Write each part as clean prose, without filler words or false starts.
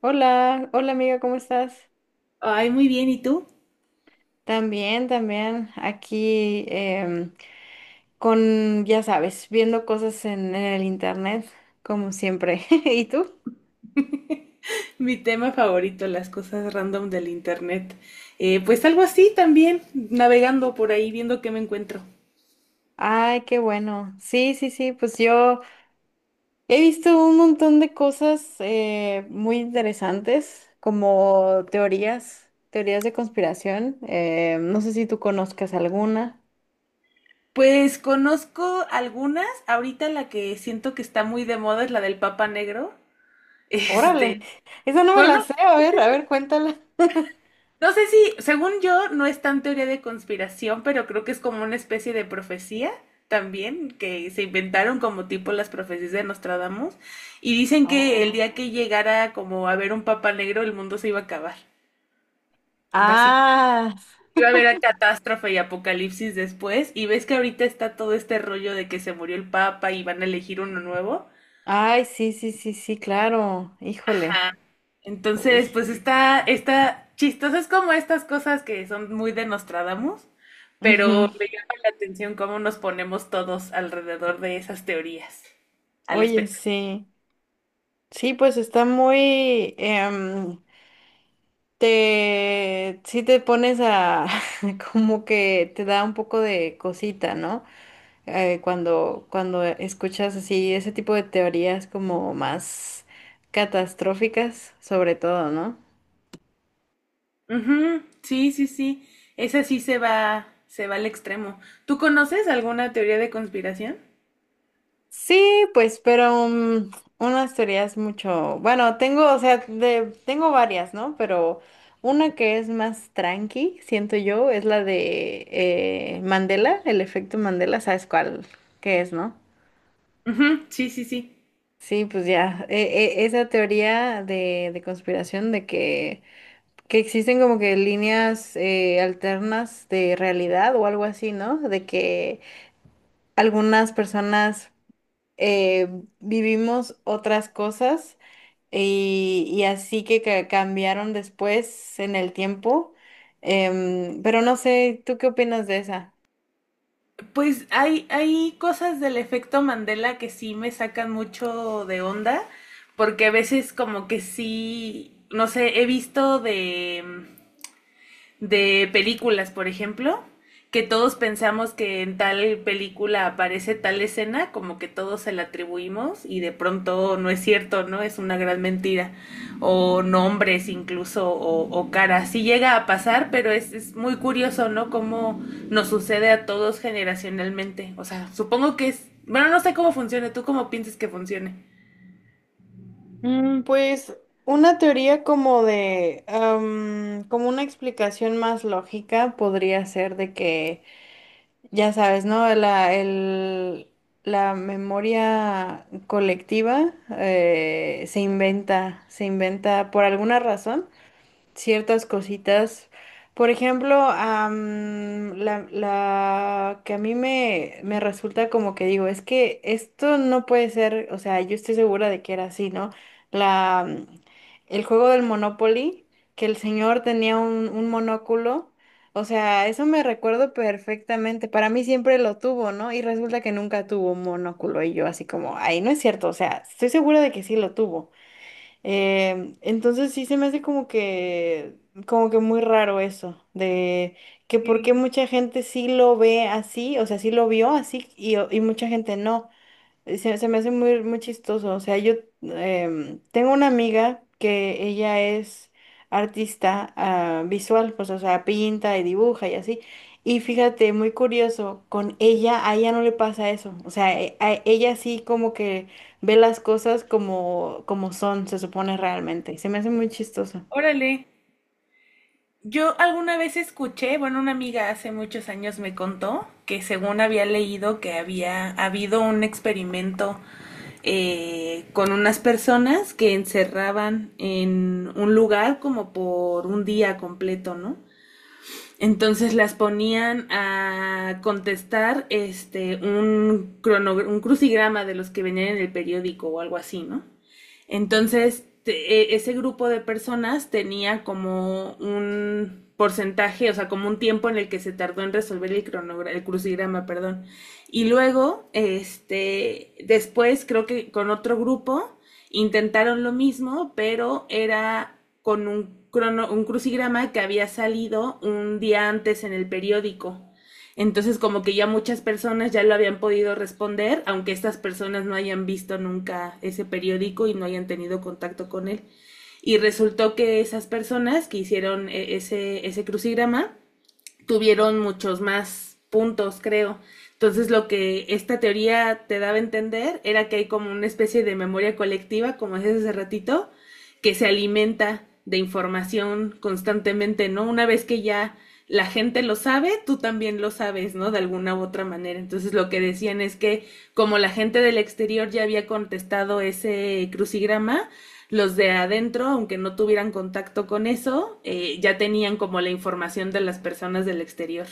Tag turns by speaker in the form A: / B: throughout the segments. A: Hola, hola amiga, ¿cómo estás?
B: Ay, muy bien, ¿y tú?
A: También, también, aquí con, ya sabes, viendo cosas en el internet, como siempre. ¿Y tú?
B: Mi tema favorito, las cosas random del internet. Pues algo así también, navegando por ahí, viendo qué me encuentro.
A: Ay, qué bueno. Sí, sí, sí, pues yo he visto un montón de cosas muy interesantes, como teorías de conspiración. No sé si tú conozcas alguna.
B: Pues conozco algunas, ahorita la que siento que está muy de moda es la del Papa Negro.
A: Órale,
B: Este,
A: esa no me
B: bueno,
A: la sé, a ver, cuéntala.
B: no sé si, según yo, no es tan teoría de conspiración, pero creo que es como una especie de profecía también, que se inventaron como tipo las profecías de Nostradamus, y dicen que el
A: Oh.
B: día que llegara como a ver un Papa Negro, el mundo se iba a acabar. Básicamente
A: Ah,
B: iba a haber a catástrofe y apocalipsis después, y ves que ahorita está todo este rollo de que se murió el Papa y van a elegir uno nuevo.
A: ay, sí, sí, sí, sí, claro. Híjole. Uy.
B: Entonces, pues está chistoso, es como estas cosas que son muy de Nostradamus, pero
A: Ujú.
B: me llama la atención cómo nos ponemos todos alrededor de esas teorías, al
A: Oye,
B: espectáculo.
A: sí. Sí, pues está sí te pones como que te da un poco de cosita, ¿no? Cuando escuchas así ese tipo de teorías como más catastróficas, sobre todo, ¿no?
B: Sí, sí, sí, esa sí se va al extremo. ¿Tú conoces alguna teoría de conspiración?
A: Sí, pues, pero unas teorías mucho, bueno, tengo, o sea, de, tengo varias, ¿no? Pero una que es más tranqui, siento yo, es la de Mandela, el efecto Mandela, ¿sabes cuál qué es, no?
B: Ujú. Sí, sí, sí.
A: Sí, pues ya, esa teoría de conspiración de que existen como que líneas alternas de realidad o algo así, ¿no? De que algunas personas eh, vivimos otras cosas y así que, cambiaron después en el tiempo. Pero no sé, ¿tú qué opinas de esa?
B: Pues hay cosas del efecto Mandela que sí me sacan mucho de onda, porque a veces como que sí, no sé, he visto de películas, por ejemplo, que todos pensamos que en tal película aparece tal escena, como que todos se la atribuimos y de pronto no es cierto, ¿no? Es una gran mentira. O nombres incluso, o caras. Sí llega a pasar, pero es muy curioso, ¿no? Cómo nos sucede a todos generacionalmente. O sea, supongo que es... Bueno, no sé cómo funciona, ¿tú cómo piensas que funcione?
A: Pues una teoría como de, como una explicación más lógica podría ser de que, ya sabes, ¿no? La memoria colectiva se inventa por alguna razón ciertas cositas. Por ejemplo, la que a mí me resulta como que digo, es que esto no puede ser, o sea, yo estoy segura de que era así, ¿no? La, mm, el juego del Monopoly, que el señor tenía un monóculo, o sea, eso me recuerdo perfectamente, para mí siempre lo tuvo, ¿no? Y resulta que nunca tuvo un monóculo y yo así como, ay, no es cierto, o sea, estoy segura de que sí lo tuvo. Entonces sí se me hace como que muy raro eso, de que por qué
B: Sí.
A: mucha gente sí lo ve así, o sea, sí lo vio así y mucha gente no. Se se me hace muy, muy chistoso. O sea, yo tengo una amiga que ella es artista visual, pues, o sea, pinta y dibuja y así. Y fíjate, muy curioso, con ella, a ella no le pasa eso. O sea, a ella sí como que ve las cosas como, como son, se supone realmente. Y se me hace muy chistoso.
B: Órale. Yo alguna vez escuché, bueno, una amiga hace muchos años me contó que según había leído que había habido un experimento con unas personas que encerraban en un lugar como por un día completo, ¿no? Entonces las ponían a contestar este un un crucigrama de los que venían en el periódico o algo así, ¿no? Entonces, ese grupo de personas tenía como un porcentaje, o sea, como un tiempo en el que se tardó en resolver el el crucigrama, perdón. Y luego, este, después creo que con otro grupo intentaron lo mismo, pero era con un un crucigrama que había salido un día antes en el periódico. Entonces como que ya muchas personas ya lo habían podido responder, aunque estas personas no hayan visto nunca ese periódico y no hayan tenido contacto con él. Y resultó que esas personas que hicieron ese crucigrama tuvieron muchos más puntos, creo. Entonces lo que esta teoría te daba a entender era que hay como una especie de memoria colectiva, como decías hace ratito, que se alimenta de información constantemente, ¿no? Una vez que ya la gente lo sabe, tú también lo sabes, ¿no? De alguna u otra manera. Entonces lo que decían es que como la gente del exterior ya había contestado ese crucigrama, los de adentro, aunque no tuvieran contacto con eso, ya tenían como la información de las personas del exterior.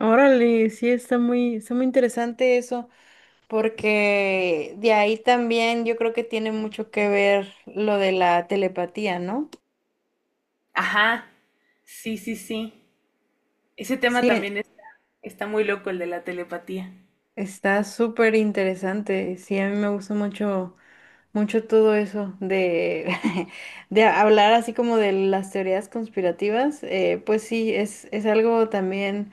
A: Órale, sí, está muy interesante eso. Porque de ahí también yo creo que tiene mucho que ver lo de la telepatía, ¿no?
B: Ajá, sí, sí, sí. Ese tema
A: Sí,
B: también es- Está muy loco, el de la telepatía.
A: está súper interesante. Sí, a mí me gusta mucho, mucho todo eso de, de hablar así como de las teorías conspirativas. Pues sí, es algo también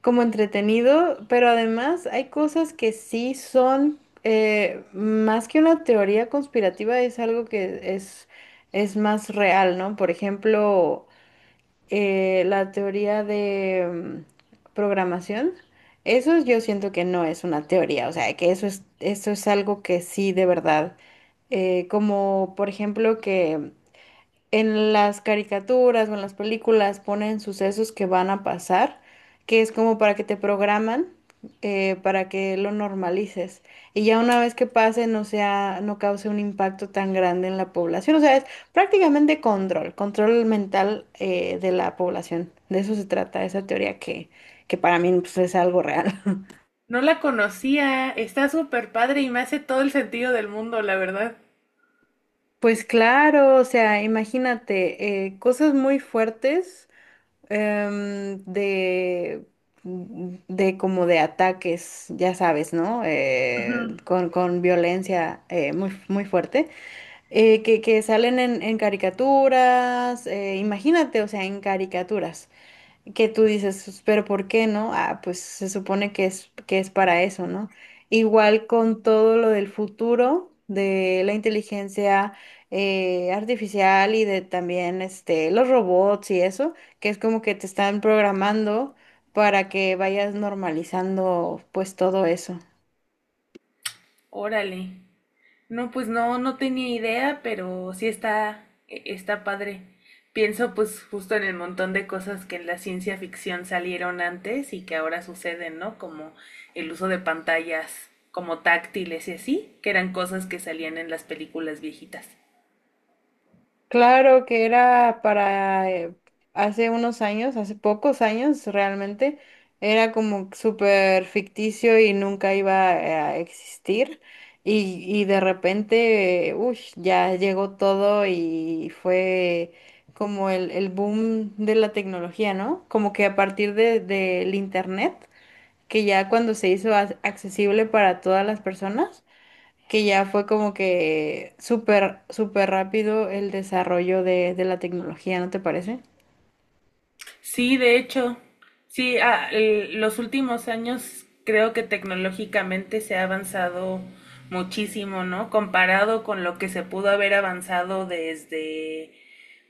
A: como entretenido, pero además hay cosas que sí son más que una teoría conspirativa, es algo que es más real, ¿no? Por ejemplo, la teoría de programación, eso yo siento que no es una teoría, o sea, que eso es algo que sí de verdad, como por ejemplo que en las caricaturas o en las películas ponen sucesos que van a pasar, que es como para que te programan, para que lo normalices. Y ya una vez que pase, no sea, no cause un impacto tan grande en la población. O sea, es prácticamente control, control mental, de la población. De eso se trata esa teoría que para mí pues, es algo real.
B: No la conocía, está súper padre y me hace todo el sentido del mundo, la verdad.
A: Pues claro, o sea, imagínate, cosas muy fuertes de de como de ataques, ya sabes, ¿no? Con con violencia muy, muy fuerte, que salen en caricaturas, imagínate, o sea, en caricaturas que tú dices, "Pues, pero ¿por qué no? Ah, pues se supone que es para eso, ¿no?" Igual con todo lo del futuro, de la inteligencia artificial y de también este, los robots y eso, que es como que te están programando para que vayas normalizando pues todo eso.
B: Órale. No, pues no, no tenía idea, pero sí está, está padre. Pienso pues justo en el montón de cosas que en la ciencia ficción salieron antes y que ahora suceden, ¿no? Como el uso de pantallas como táctiles y así, que eran cosas que salían en las películas viejitas.
A: Claro que era para hace unos años, hace pocos años realmente, era como súper ficticio y nunca iba a existir. Y de repente, uy, ya llegó todo y fue como el boom de la tecnología, ¿no? Como que a partir del internet, que ya cuando se hizo accesible para todas las personas, que ya fue como que súper, súper rápido el desarrollo de la tecnología, ¿no te parece?
B: Sí, de hecho, sí, los últimos años creo que tecnológicamente se ha avanzado muchísimo, ¿no? Comparado con lo que se pudo haber avanzado desde,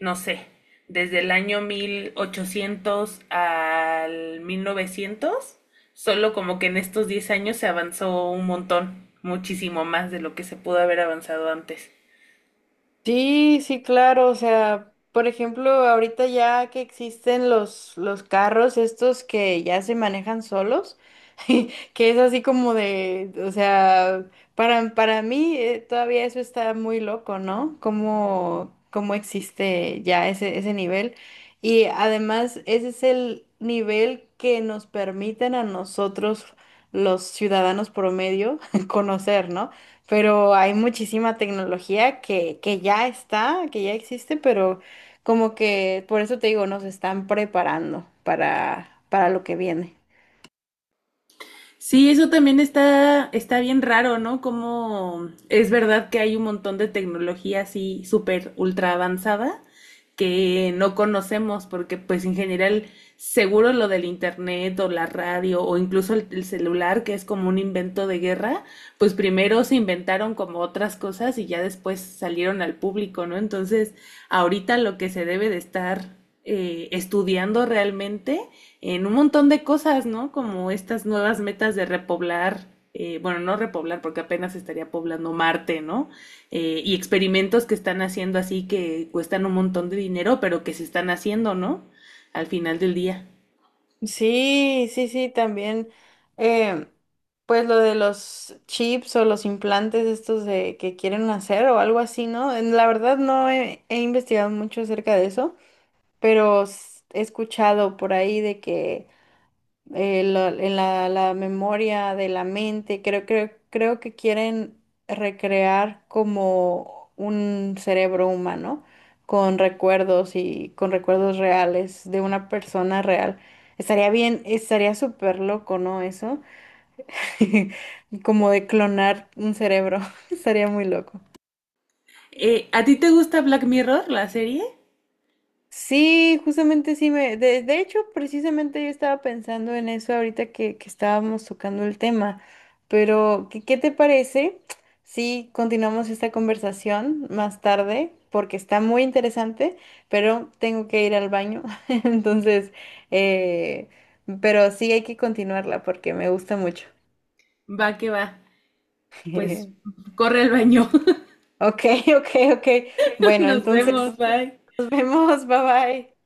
B: no sé, desde el año 1800 al 1900, solo como que en estos 10 años se avanzó un montón, muchísimo más de lo que se pudo haber avanzado antes.
A: Sí, sí, claro, o sea, por ejemplo, ahorita ya que existen los carros estos que ya se manejan solos, que es así como de, o sea, para mí todavía eso está muy loco, ¿no? ¿Cómo existe ya ese nivel? Y además, ese es el nivel que nos permiten a nosotros, los ciudadanos promedio, conocer, ¿no? Pero hay muchísima tecnología que ya está, que ya existe, pero como que, por eso te digo, nos están preparando para lo que viene.
B: Sí, eso también está bien raro, ¿no? Como es verdad que hay un montón de tecnología así súper ultra avanzada que no conocemos porque pues en general seguro lo del internet o la radio o incluso el celular que es como un invento de guerra, pues primero se inventaron como otras cosas y ya después salieron al público, ¿no? Entonces ahorita lo que se debe de estar estudiando realmente en un montón de cosas, ¿no? Como estas nuevas metas de repoblar, bueno, no repoblar porque apenas estaría poblando Marte, ¿no? Y experimentos que están haciendo así que cuestan un montón de dinero, pero que se están haciendo, ¿no? Al final del día.
A: Sí, sí, sí, también. eh, pues lo de los chips o los implantes estos de que quieren hacer o algo así, ¿no? La verdad no he investigado mucho acerca de eso, pero he escuchado por ahí de que la memoria de la mente. Creo que quieren recrear como un cerebro humano con recuerdos y con recuerdos reales de una persona real. Estaría bien, estaría súper loco, ¿no? Eso, como de clonar un cerebro, estaría muy loco.
B: ¿A ti te gusta Black Mirror, la serie?
A: Sí, justamente sí de hecho, precisamente yo estaba pensando en eso ahorita que estábamos tocando el tema, pero ¿qué te parece si continuamos esta conversación más tarde? Porque está muy interesante, pero tengo que ir al baño, entonces, eh, pero sí hay que continuarla porque me gusta mucho.
B: Va que va. Pues corre al baño.
A: Ok, ok, ok. Bueno,
B: Nos vemos,
A: entonces
B: bye.
A: nos vemos, bye bye.